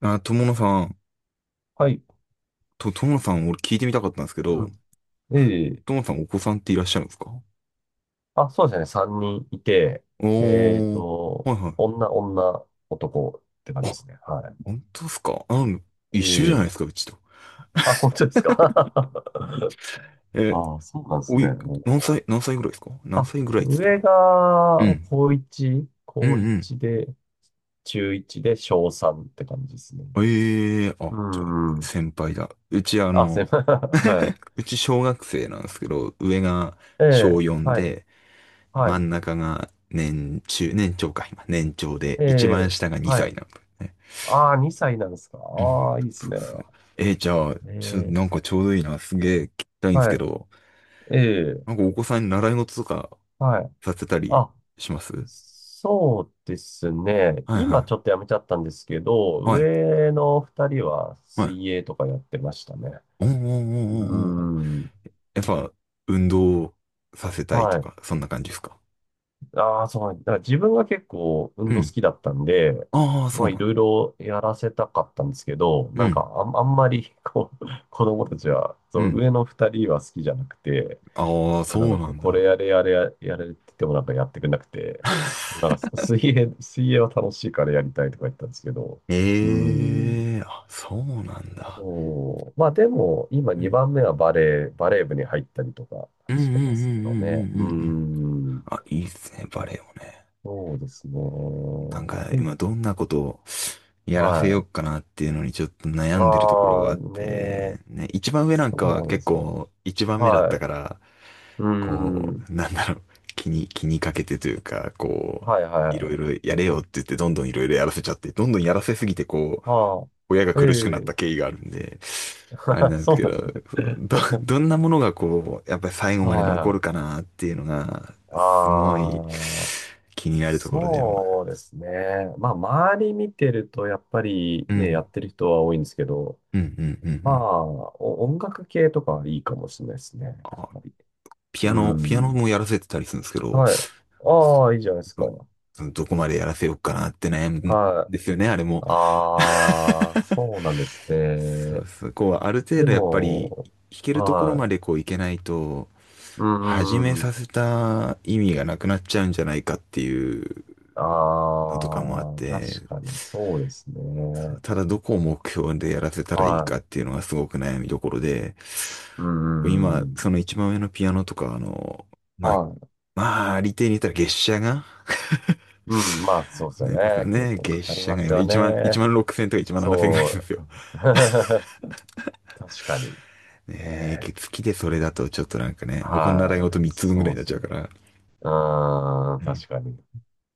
あ、友野さん、はい。俺聞いてみたかったんですけうど、ん。ええ、友野さんお子さんっていらっしゃるんですか？あ、そうですね。3人いて、えっおー、と、はいはい。女、女、男って感じであ、すね。は本当ですかあ？一緒じゃないでい。えすえ、か、うちと。あ、本当ですか。 え、ああ、そうなんですおね。い、うん、何歳ぐらいですか？何あ、歳ぐらいっつったの？上うが、ん、高1、うん。高うん1で、中1で、小3って感じですね。うん。ええー、うあ、じゃあ、ん。先輩だ。あ、すいません。はい。うち小学生なんですけど、上がえ小え、4はい。で、は真い。ん中が年中、年長か、今、年長で、え一番え、下がは2歳い。なんですね。ああ、2歳なんですか。うん。ああ、いいですそうね。そう。じゃあ、ええ、なんかちょうどいいな。すげえ聞きたいんですけはど、い。えなんえ、かお子さんに習い事とかはい。させたりあ、します？そうですね。はい今はちょっとやめちゃったんですけい。ど、はい。上の二人ははい。水泳とかやってましたね。おーおーおうーーおーおー。ん。やっぱ、運動させたいはとい。か、そんな感じですか？ああ、そう。だから自分が結構運う動好ん。きだったんで、ああ、そまうあないんろいだ。ろやらせたかったんですけど、うなんかん。あんまりこう、子供たちは、うそう、ん。上の二人は好きじゃなくて、ああ、なそんうかなこう、んこれだ。やれやれやれやれって言ってもなんかやってくれなくて、なんか 水泳は楽しいからやりたいとか言ったんですけど、うん、ええー、あ、そうなんだ。そう。まあでも、今うん。2番目はバレー部に入ったりとかうんうんうしんうてますけどね。んううんうんうん。ん、あ、いいっすね、バレエもね。そうですね。なんか、で、今どんなことを、やらせはようい。かなっていうのにちょっと悩んでるところあはあ、あっねー、て、ね、一番上なんそかはうなんで結すよ。構一番目だっはたい。から、うこん、う、なんだろう、気にかけてというか、こはいはいう、いろいはい。ろやれよって言ってどんどんいろいろやらせちゃって、どんどんやらせすぎてこう、あ親があ、え苦しくなったえ 経緯があるんで、あれ なんでそすうけなど、んですね。そうどんなものがこう、やっぱり最後まで残はるかい。なっていうのが、すごいああ、気になるところで、まあ、そうですね。まあ、周り見てると、やっぱりうね、やん、ってる人は多いんですけど、うん、うん、うん、うまん。あ、音楽系とかはいいかもしれないですね。やっぱり。ピアうノ、ピアノん。もやらせてたりするんですけど、はい。ああ、いいじゃないですか。どこまでやらせようかなって悩むんはい。ですよね、あれも。ああ、そうなんですそね。うそう、こう、ある程で度やっぱり、も、弾けるところはまい。でこういけないと、う始めんうさん。せた意味がなくなっちゃうんじゃないかっていうのとかもあっああ、確て、かにそうですそうね。ただどこを目標でやらせたらいいはかっい。ていうのがすごく悩みどころで、うんう今、ん。その一番上のピアノとか、まあ、はい。まあ、利点に言ったら月謝が、 うん、まあそうで すよね、ね。結ね、構か月かり謝まがす今よ1万、1ね。万6000とか1万7000ぐらいするんでそすよ。う。確かに。ねねえ、え。月でそれだとちょっとなんかね、他の習いは事い。3つ分ぐらいそにうなでっすちゃね。うから、うーん、う確ん、かに。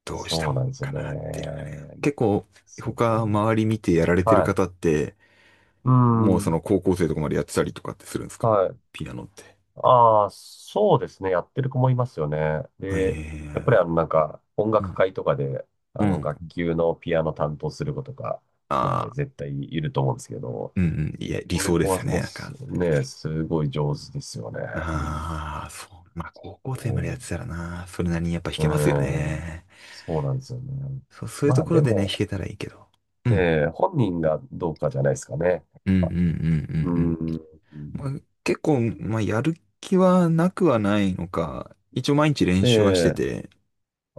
どうしたそうもなんんですよかなっていうのがね。ね。結構、そうか。他周り見てやられてるはい。方って、うもうそん。の高校生とかまでやってたりとかってするんですか？はい。ピアノって。ああ、そうですね。やってる子もいますよね。で、やっぱりあええ。の、なんか、音う楽ん。会とかで、あうの、学ん。級のピアノ担当する子とか、まああね、あ、絶対いると思うんですけど、うんうん。いや、理そういう想で子すはよもね。うなんか。ね、すごい上手ですよね。うん。ああ、そう。まあ、高校生までやっもてたらな、それなりにやっぱ弾う、けますようん。ね。そうなんですよね。そう、そういうまとあ、ころででね、弾も、けたらいいけど。うん。本人がどうかじゃないですかね。うんうんうんううんうん。ん。まあ、結構、まあ、やる気はなくはないのか、一応毎日練習はしてで、て、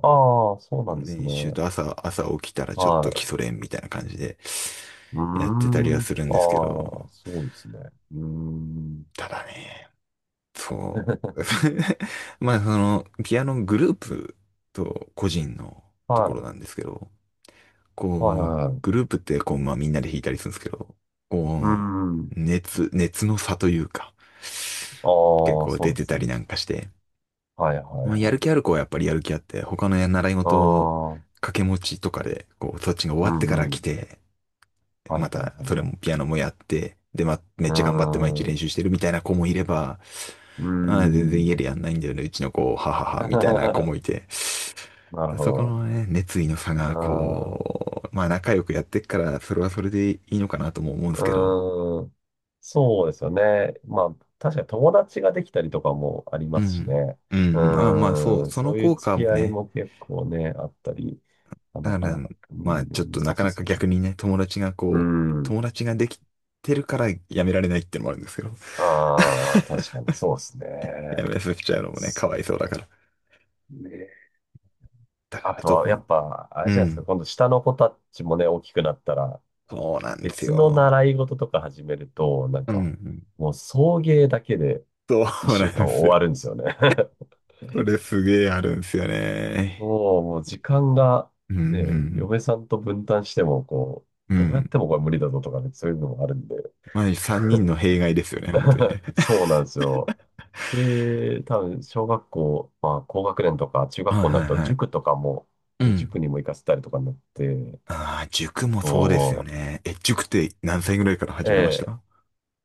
ああ、そうなんです練ね。習と朝起きたらちょっはと基い。礎練みたいな感じでうやってたりーはん。するんあですけど、あ、そうですね。うーん。ただね、そう。まあ、その、ピアノグループと個人のとこはろい。なんですけど、はいはこいう、はグい。ループってこう、まあみんなで弾いたりするんですけど、うーこん。う、熱の差というか、あ結あ、構そう出なんでてたすりね。なんかして、はいはいまあはやるい。気ある子はやっぱりやる気あって、他の習いあ事をあ、掛け持ちとかで、こう、そっちが終うわってからんう来ん。て、はいまはいはいたそれはもい。ピアノもやって、で、まあ、めっうーちゃ頑張って毎日練ん。習してるみたいな子もいれば、ああ、全然家でやんないんだよね、うちの子、はは は、うみたいな子ーもん。い て、なるほそこど。のね、熱意の差うが、ーん。こう、まあ仲良くやってっから、それはそれでいいのかなとも思うんでうすけど。ーん。そうですよね。まあ、確かに友達ができたりとかもありうますしん。ね。ううん、うん。ああ、まあそう、ーん。そのそういう効付果もき合いね、も結構ね、あったり、なだかから、なか、うまあちょっん、難となかしいでなすかよ逆ね。にね、友達がうこう、ん。友達ができてるからやめられないってのもあるんですけど。ああ、確かにそうです やね。めさせちゃうのもね、かそっわいそうだかか、ら。ね。だかあらとどは、こやに。っぱ、あうれじゃないですか、ん。今度下の子たちもね、大きくなったら、そうなんです別のよ。習い事とか始めると、なんうんうか、ん。もう送迎だけでそ一うな週ん間です終よ。わるんですよね。これすげえあるんですよね。もう時間がうんうね、ん。嫁さんと分担しても、こうう、どうやっん。てもこれ無理だぞとかね、そういうのもあるんで。まあ、三人の弊害ですよね、本当にね。そうなんですよ。で、多分、小学校、まあ、高学年とか中学はい校になはるいと、はい。塾とかも、うね、ん。塾にも行かせたりとかになって、ああ、塾もそうですよおね。え、塾って何歳ぐらいからえ始めましえ、た？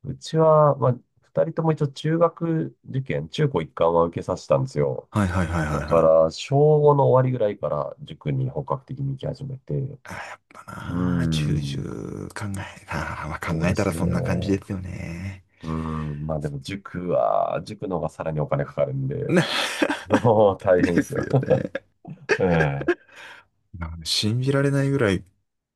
うちは、まあ、二人とも一応中学受験、中高一貫は受けさせたんですよ。はいはいはいはだいはかい。ら、小5の終わりぐらいから塾に本格的に行き始めて、うあーやっぱーなあ、重ん。々考え、ああ、まあ、考そうえでたすらそんな感じね。ですよね。うん。まあでも塾の方がさらにお金かかるんで、な、 もう 大変でですすよよ。ね。ええ。信じられないぐらい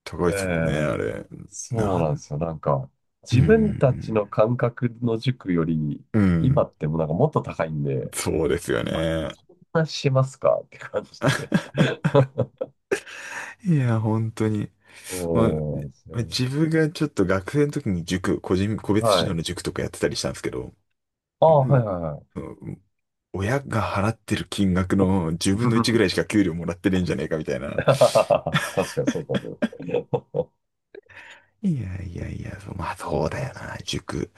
高えいですもんね、え。あれ。そうななんでん、すよ。なんか、う自分たん、ちの感覚の塾より、うん、う今ん。ってもうなんかもっと高いんで、そうですよね。こんなしますか って感じで。いや、本当に。まあそうなんですよ。自分がちょっと学生の時に塾、個別は指導い。の塾とかやってたりしたんですけど、あうあ、はいんはいはい。うん。親が払ってる金額の十分の一ぐらいしか給料もらってねえんじゃねえかみたい な。確かにそうかも。いやいやいや、そうまあそそううなだんよですよ。な。塾、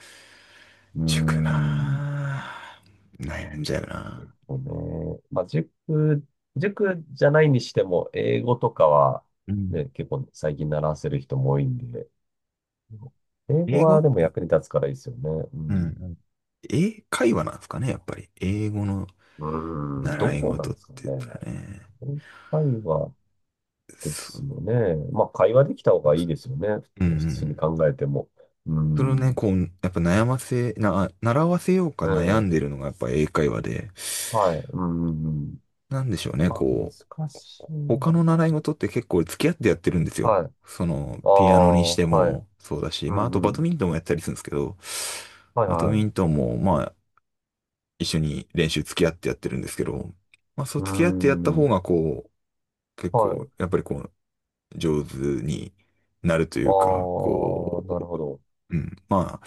うー塾なん。あ。悩んじゃうな。そうね。まあ、塾じゃないにしても、英語とかは、うん。ね、結構最近習わせる人も多いんで、英語英語はっでもて、役に立つからいいですよね。ううん。うん。ん。英会話なんですかね、やっぱり。英語のうーん、習どいうな事んっですかね。て言ったらね。英会話でそすよう、ね。まあ、会話できた方そうがでいすいね。ですよね。うんう普通にん。考えても。うーそのね、ん。こう、やっぱ悩ませ、な、習わせようかう悩んん。でるのがやっぱ英会話で、はい。うーん。うん、なんでしょうね、まあ、こ難しう、いな。他の習い事って結構付き合ってやってるんですよ。はい。その、あピアノにしあ、てはい。もそうだし、うまあ、あとんバうドん。ミントンもやったりするんですけど、はいバドミはい。ントンも、まあ、一緒に練習付き合ってやってるんですけど、まあ、そううー付き合ってやった方ん。が、こう、結は構、い。やっぱりこう、上手になるといああ、うか、こなるほど。う、うん。まあ、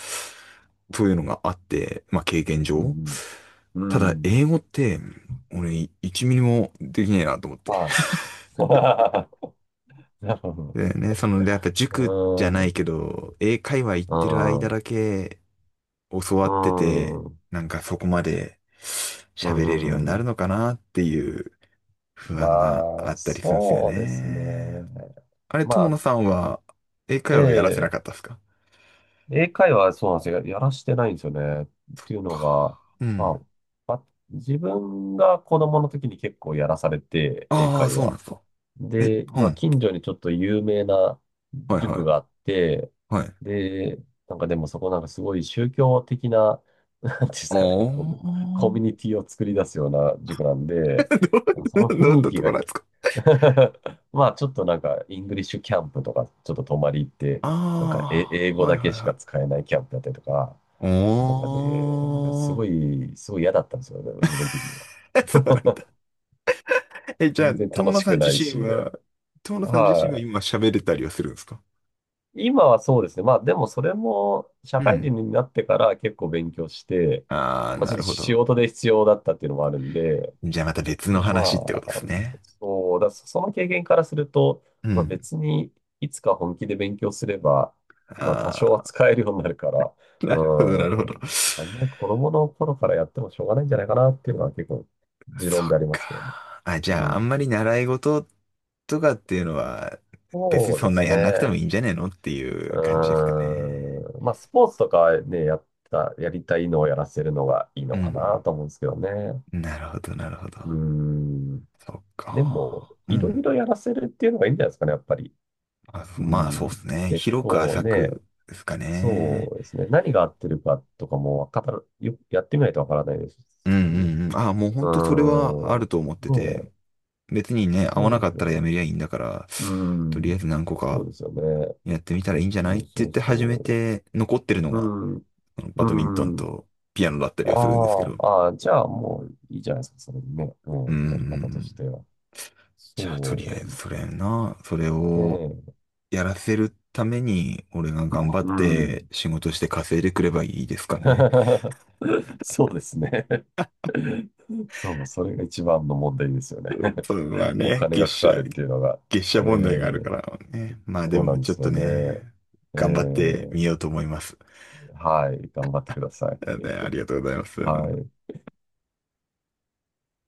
そういうのがあって、まあ経験う上。んうたん。うだ、ん。英語って、俺、1ミリもできねえなと思って。はい。なるほど。でね、その、で、やっぱ塾じゃないうけど、英会話行ってる間ん。だけ教わうってて、ん。うん。なんかそこまでう喋れるようにん。なうるん、のかなっていう不ま安がああ、ったりするんですよそうですね。ね。あれ、ま友野さんは英あ、え会話やらせなえ、かったですか？英会話はそうなんですよ。やらしてないんですよね。っていうのが、うん。まあ、自分が子供の時に結構やらされて、英ああ、会そうなん話。ですか。え、で、うまあ、ん。近所にちょっと有名なはい塾はがあいって、はい。あで、なんかでもそこなんかすごい宗教的な、なんていうんですかね、こう、あ。コミュニティを作り出すような塾なん で、そどのど雰ん囲な気ところが なんですか？ まあちょっとなんか、イングリッシュキャンプとか、ちょっと泊まり行って、なんか、英ああー、語はいだはけいしかはい。使えないキャンプだったりとか、おなんかね、すごー。い、すごい嫌だったんですよね、自分的には。そうなんだ。え、じゃあ、全然友楽野しさくん自ない身し、で。は、はい。今喋れたりはするんですか？今はそうですね。まあでもそれも社う会ん。人になってから結構勉強して、ああー、まあちなょっとるほど。仕事で必要だったっていうのもあるんで、じゃあまた別のでま話ってことであ、すね。そうだ、その経験からすると、うまあん。別にいつか本気で勉強すれば、まあ多少あは使えるようになるから、あ、うなるほど、なるほど。ん、あんまり子供の頃からやってもしょうがないんじゃないかなっていうのは結構持そっ論でありますけどね。か。あ、じうゃあ、あんん。まり習い事とかっていうのは、別にそうでそんなすやんなくてもね。いいんじゃねえのっていう感じですかうね？ーん。まあ、スポーツとかね、やりたいのをやらせるのがいいうのかん。なと思うんですけどね。なるほど、なるほど。うーん。そっでも、か。ういろん。いろやらせるっていうのがいいんじゃないですかね、やっぱり。あ、うまあ、ん。そうっすね。結広く構浅ね、くですかそね。うですね。何が合ってるかとかもわかる、やってみないとわからないですうんし。うんうん。あ、もうう本当それはあーるん。と思ってねて、え、別にね、合そわなうでかすったよらやね。めりゃいいんだから、うとりあん。えず何個そうかですよね。やってみたらいいんじゃないそっうて言そっうて始めそて、残ってるのう。うが、ん。あのバドミントンうん。とピアノだったありはするんですけーど。あー、じゃあもういいじゃないですか、それでね。ううんうんうん、やり方としん。ては。じゃあ、とりあえそずそれうを、ね。やらせるために、俺が頑張っうてん。仕事して稼いでくればいいですかね。そうですね。そう、それが一番の問題ですよね。それはおね、金がかかるっていうのが。月謝え問題があるかー、らね。まあでそうなもんでちょっすとよね。ね、え頑張ってみー、ようと思います。はい、頑張ってください。でありがとうございます。はい。